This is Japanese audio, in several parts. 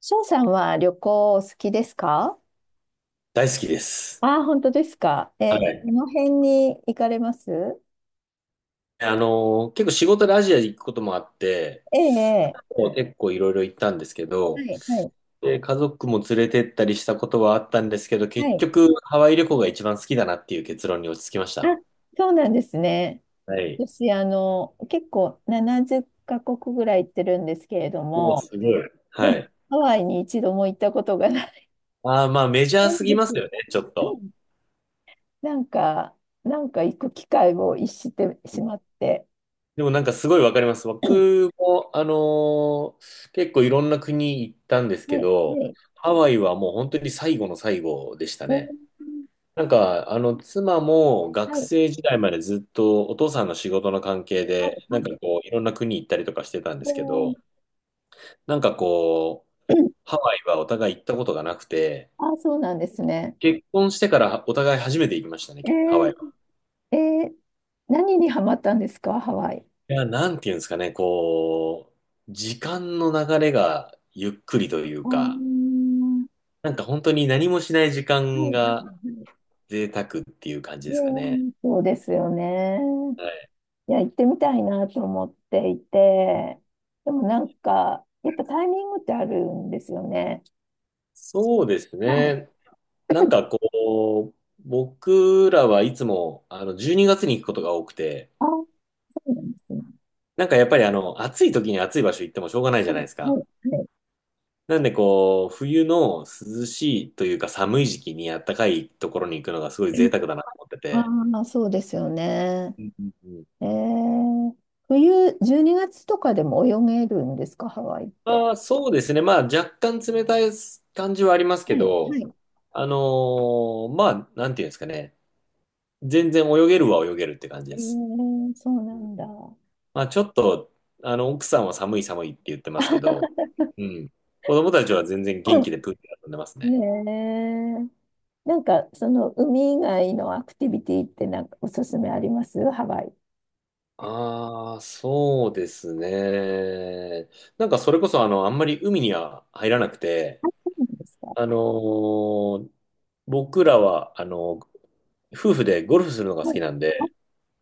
翔さんは旅行お好きですか？大好きです。ああー、本当ですか。はえ、どい。の辺に行かれます？結構仕事でアジア行くこともあって、ええ、もう結構いろいろ行ったんですけええど、はい、はい、で、家族も連れてったりしたことはあったんですけど、は結い。局ハワイ旅行が一番好きだなっていう結論に落ち着きましあ、た。そうなんですね。はい。私、結構70カ国ぐらい行ってるんですけれどもうも、すごい。ではも、い。ハワイに一度も行ったことがないああ、まあメジャーすんぎでますよす。ね、ちょっうと。ん、なんか、なんか行く機会を逸してうしん。まって。でもなんかすごいわかります。は僕も、結構いろんな国行ったんですけい、はど、い。ハワイはもう本当に最後の最後でしたおーね。なんか、あの、妻も学はい、生時代までずっとお父さんの仕事の関係はで、い、なはんかい。こう、いろんな国行ったりとかしてたんですけおー ど、なんかこう、ハワイはお互い行ったことがなくて、あ、そうなんですね。結婚してからお互い初めて行きましたね、えハワイは。ー、えー、何にハマったんですか、ハワイ。いや、なんていうんですかね、こう、時間の流れがゆっくりというあー、か、はなんか本当に何もしない時いは間いがはい。贅沢っていう感じえですかね。ー、そうですよね。はい。いや、行ってみたいなと思っていて、でもなんか、やっぱタイミングってあるんですよね。そうですはい。ね。なんかこう、僕らはいつもあの12月にがつに行くことが多くて、あー、そうなんですね。なんかやっぱりあの暑い時に暑い場所行ってもしょうがないじはゃい、ないですはか。い、はなんでこう、冬の涼しいというか寒い時期にあったかいところに行くのがすごい贅い。沢だなと思ってあて。あ、そうですよね。うんうんうん。えー、冬、12月とかでも泳げるんですか、ハワイって？あー、そうですね。まあ若干冷たい感じはありますけはい、はど、い。まあなんていうんですかね。全然泳げるは泳げるって感じえです。ー、そうなんだ。まあ、ちょっと、あの、奥さんは寒い寒いって言ってますけど、うん。子供たちは全然元気でプールで遊んでますへね。え。なんか、その海以外のアクティビティってなんかおすすめあります、ハワイ？ああ、そうですね。なんかそれこそあの、あんまり海には入らなくて、そうなんですか。あのー僕らはあの、夫婦でゴルフするのが好はい。きなんあ、で、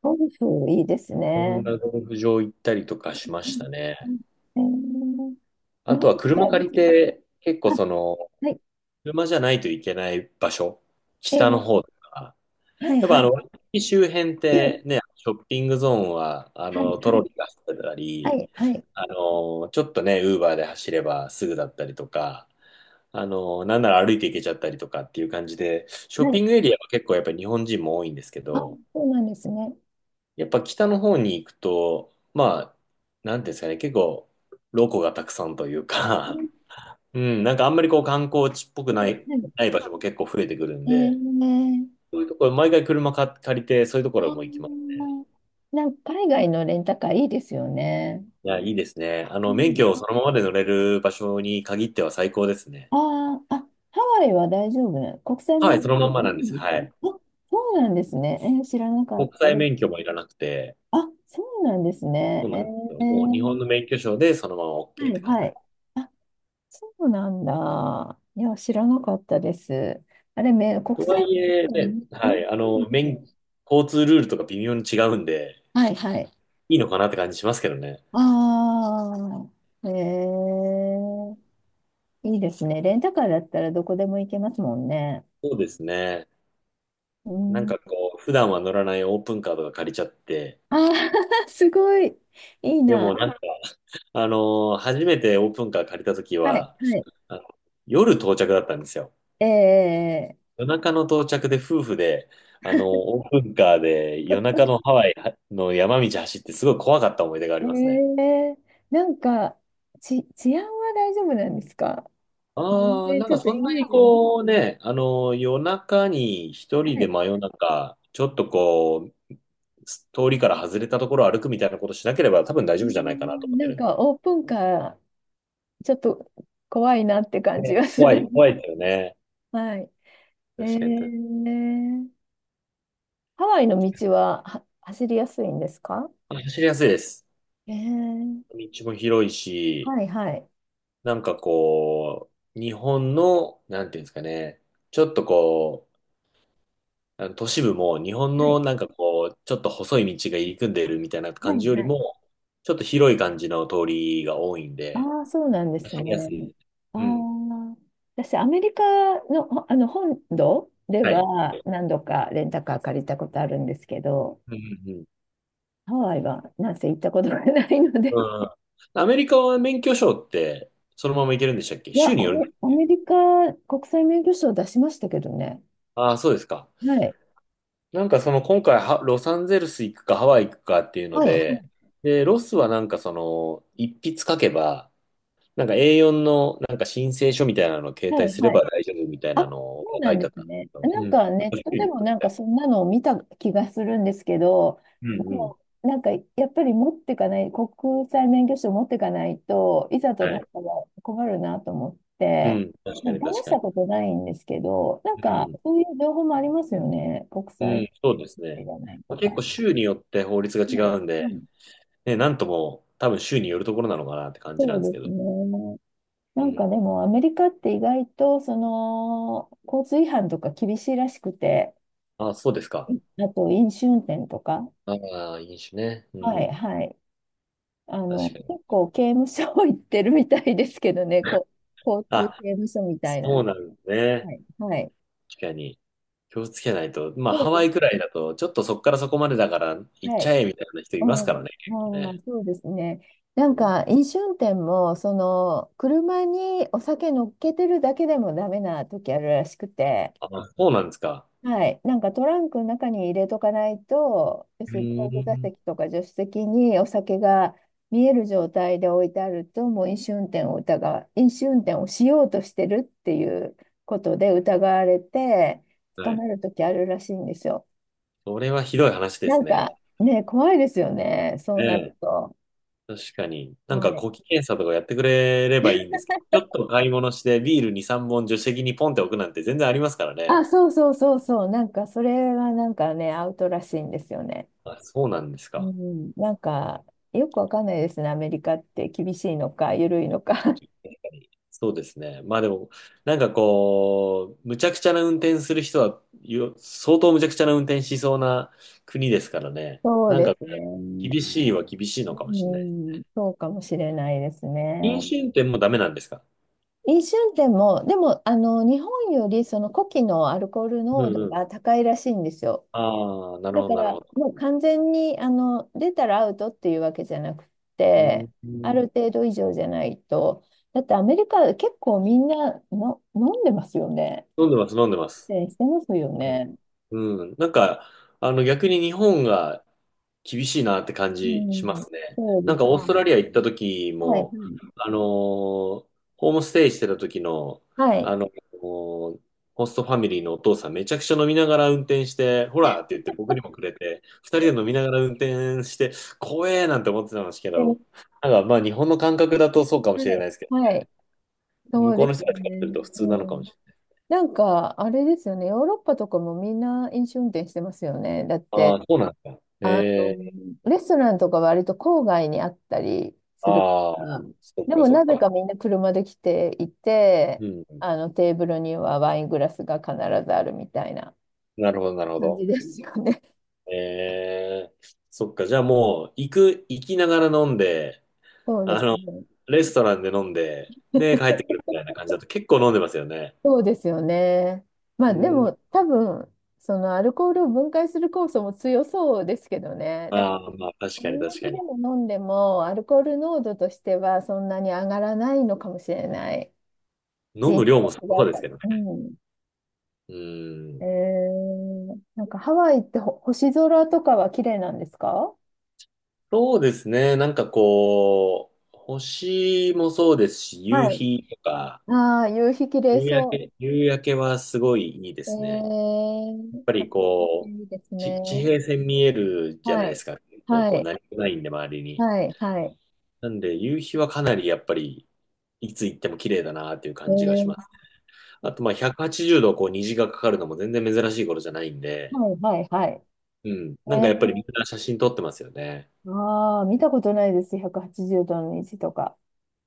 ゴルフいいですこんね。なゴルフ場行ったりとかしましたうね。ん、えー、日あ本ととはだ車いぶ借り違う。て、結構あ、その、はい。車じゃないといけない場所、え北のー、方とか、はいやっはぱあの、い。ワイキキ周辺って ね、ショッピングゾーンは、あはいの、トはロい。リーが走ってたはり、いはい。あの、ちょっとね、ウーバーで走ればすぐだったりとか、あの、なんなら歩いて行けちゃったりとかっていう感じで、ショはッい。ピングエリアは結構やっぱり日本人も多いんですけあ、ど、そうなんですね。やっぱ北の方に行くと、まあ、なんていうんですかね、結構、ロコがたくさんといううか、ん、 うん、なんかあんまりこう観光地っぽくはないい、はい。ない場所も結構増えてくるんえで、ー、そういうところ、毎回車か借りて、そういうとこあろも行きます。ー、なんか海外のレンタカーいいですよね。いや、いいですね。あうの、免ん、許をそのままで乗れる場所に限っては最高ですね。ああ、あ、ハワイは大丈夫なの？国際は免い、許そのまん証まダなんです。メですはか？あ、い。そうなんですね。えー、知らなかっ国た。際で、免許もいらなくて、あ、そうなんですね。そうえなんですよ。もう日本ー、の免許証でそのまま OK はってい、感はじ。い。あ、そうなんだ。いや、知らなかったです。あれ、め、国とは際いえ、ね、免許証はね、免許い、あ証の、です免、ね。交通ルールとか微妙に違うんで、はい、はい。いいのかなって感じしますけどね。ああ、えー、いいですね。レンタカーだったらどこでも行けますもんね。そうですね。うなんん。かこう、普段は乗らないオープンカーとか借りちゃって、ああ、すごい。いいでもな。なんか、あの、初めてオープンカー借りた時はい、は、はい。あの夜到着だったんですよ。ええ、夜中の到着で夫婦で、あの、オープンカーで夜中のハワイの山道走ってすごい怖かった思い出がありえますね。え、なんか、ち、治安は大丈夫なんですか？全ああ、然なんちかょっとそイんなメーにジが。はこうね、あの、夜中に一人で真い。夜中、ちょっとこう、通りから外れたところを歩くみたいなことしなければ多分大うー丈夫じゃないかなとん、思っなてんるんかオープンカー、ちょっと怖いなってで。感じね、がす怖る。い、怖いですよね。はい。え確かに。え、ハワイの道は、は、走りやすいんですか？あ、走りやすいです。ええ、道も広いし、はいはい。なんかこう、日本の、なんていうんですかね、ちょっとこう、あの都市部も日本はのい。なんかこう、ちょっと細い道が入り組んでるみたいなはい感じよりはい、も、ちょっと広い感じの通りが多いんで、ああ、そうなんです走りやすね。い。あうん。あ、私、アメリカの、ほあの本土ではい。は何度かレンタカー借りたことあるんですけど、うんうんうん。ハワイはなんせ行ったことがないので、うん。アメリカは免許証ってそのまま行けるんでしたっけ、いや、州アにメ、よるの？アメリカ国際免許証出しましたけどね。ああー、そうですか。はい。なんかその今回は、ロサンゼルス行くかハワイ行くかっていうのはい。はで、い。で、ロスはなんかその、一筆書けば、なんか A4 のなんか申請書みたいなのを携は帯い。すれはばい、大丈夫みたいあ、なのそうが書ないんてであっすたんでね。すけなど。うんん。か確ネかットでによもるみなんたかい。そんなのを見た気がするんですけど、うんうん。もうなんかやっぱり持ってかない、国際免許証持ってかないといざとはなっい。たら困るなと思っうて、ん。確かなんにか確試しかに。たことないんですけど、なんうかんそういう情報もありますよね。国うん。う際ん。そうですいね。らないまとあ、結か。構州によって法律がはい。違うんうで、ん、ね、なんとも多分州によるところなのかなって感じなんでそすうけですど。ね。うなんん。かでもアメリカって意外とその交通違反とか厳しいらしくて、あ、そうですか。あと飲酒運転とか、ああ、飲酒ね。うはん。い、はい。確かに。結構刑務所 行ってるみたいですけどね、こ、交通あ、刑務所みたいな。そうなはんですね。い、はい。確かに。気をつけないと。まあ、そハうでワイくす。らいだと、ちょっとそこからそこまでだから行っはちい。ゃえみたいな人いうますからん、ね、結構あー、ね。そうですね。なうんん。か、飲酒運転も、その、車にお酒乗っけてるだけでもダメな時あるらしくて、あ、そうなんですか。はい。なんかトランクの中に入れとかないと、要うするに後部ー座ん。席とか助手席にお酒が見える状態で置いてあると、もう飲酒運転を疑う、飲酒運転をしようとしてるっていうことで疑われて、は捕い。まるときあるらしいんですよ。それはひどい話でなすんね。かね、怖いですよね、そえうなるえ。と。確かに。なんはか、い。呼気検査とかやってくれればいいんですけど、ちょっと買い物してビール2、3本助手席にポンって置くなんて全然ありますからあ、ね。そうそうそうそう、なんかそれはなんかね、アウトらしいんですよね。あ、そうなんですうか。ん、なんかよくわかんないですね、アメリカって厳しいのか、緩いのか。そうですね。まあでも、なんかこう、むちゃくちゃな運転する人は、よ相当むちゃくちゃな運転しそうな国ですからね。そうなんでかすね。厳しいは厳しいのかもしれなうい。ん、そうかもしれないです飲ね。酒運転もダメなんですか？飲酒運転も、でも、日本よりその呼気のアルコールう濃ん度うん。が高いらしいんですよ。ああ、なるだほど、かなるら、ほど。もう完全に、出たらアウトっていうわけじゃなくうて、ん。ある飲程度以上じゃないと。だってアメリカ結構みんなの飲んでますよね。んでます、飲んでます。でしてますよね。うん。うん。なんか、あの、逆に日本が厳しいなって感うじしん、ますね。そうでなんかすオーストね。ラリア行った時はい。はも、い。あのーホームステイしてた時の、はあい。のーホストファミリーのお父さんめちゃくちゃ飲みながら運転して、ほらって言って僕にもくれて、二人で飲みながら運転して、怖えなんて思ってたんですけで、ど、なんかまあ日本の感覚だとそうかもはしれないい。ですけはどい、ね。そ向うこうでのす人たよちからするね。と普通なのうかもん。しれない。なんか、あれですよね。ヨーロッパとかもみんな飲酒運転してますよね。だっあて、あ、そうなんだ。あの、ええ。レストランとか割と郊外にあったりするかああ、ら。そっでかも、そっなぜか。かみんな車で来ていて、うん。テーブルにはワイングラスが必ずあるみたいななるほど、なるほ感じど。ですよね。えー、そっか、じゃあもう、行きながら飲んで、そうであすの、ね。レストランで飲んで、で、帰ってくるみたいな感じだと結構飲んでますよね。そうですよね。まうあ、でん。も、多分、そのアルコールを分解する酵素も強そうですけどね。だからああ、まあ、確同かに確じかでに。も飲んでも、アルコール濃度としてはそんなに上がらないのかもしれない。飲人む量もさ種がそ違ううでかすら。けどね。うん。うん。えー、なんかハワイってほ星空とかは綺麗なんですか？そうですね。なんかこう、星もそうですし、夕はい。日とか、ああ、夕日綺麗夕焼そけ、夕焼けはすごいいいでう。えすね。やっー、ぱあ、りこう、いいですね。ち地平線見えるじゃなはいでい。すか。結構はこう、い。何もないんで、周りに。はい。はい。なんで、夕日はかなりやっぱり、いつ行っても綺麗だなっていうえ感じがしー、ます。あと、まあ、180度こう虹がかかるのも全然珍しい頃じゃないんで、はい。はい。はい。うん。なんかやっぱえりみんな写真撮ってますよね。ー、ああ、見たことないです。180度の虹とか。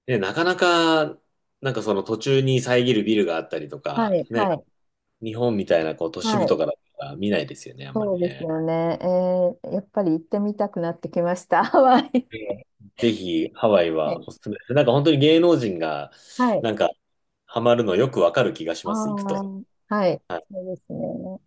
ね、なかなか、なんかその途中に遮るビルがあったりとはか、い。ね、はい。日本みたいなこう都市は部とい。かだったら見ないですよね、あんまそうりですね。よね。えー、やっぱり行ってみたくなってきました、ハワイ。ええ。ぜひ、ハワイはい。はおすすめです。なんか本当に芸能人が、はい。なんか、ハマるのよくわかる気がしあます、行くあ、と。はい。はいそうですね。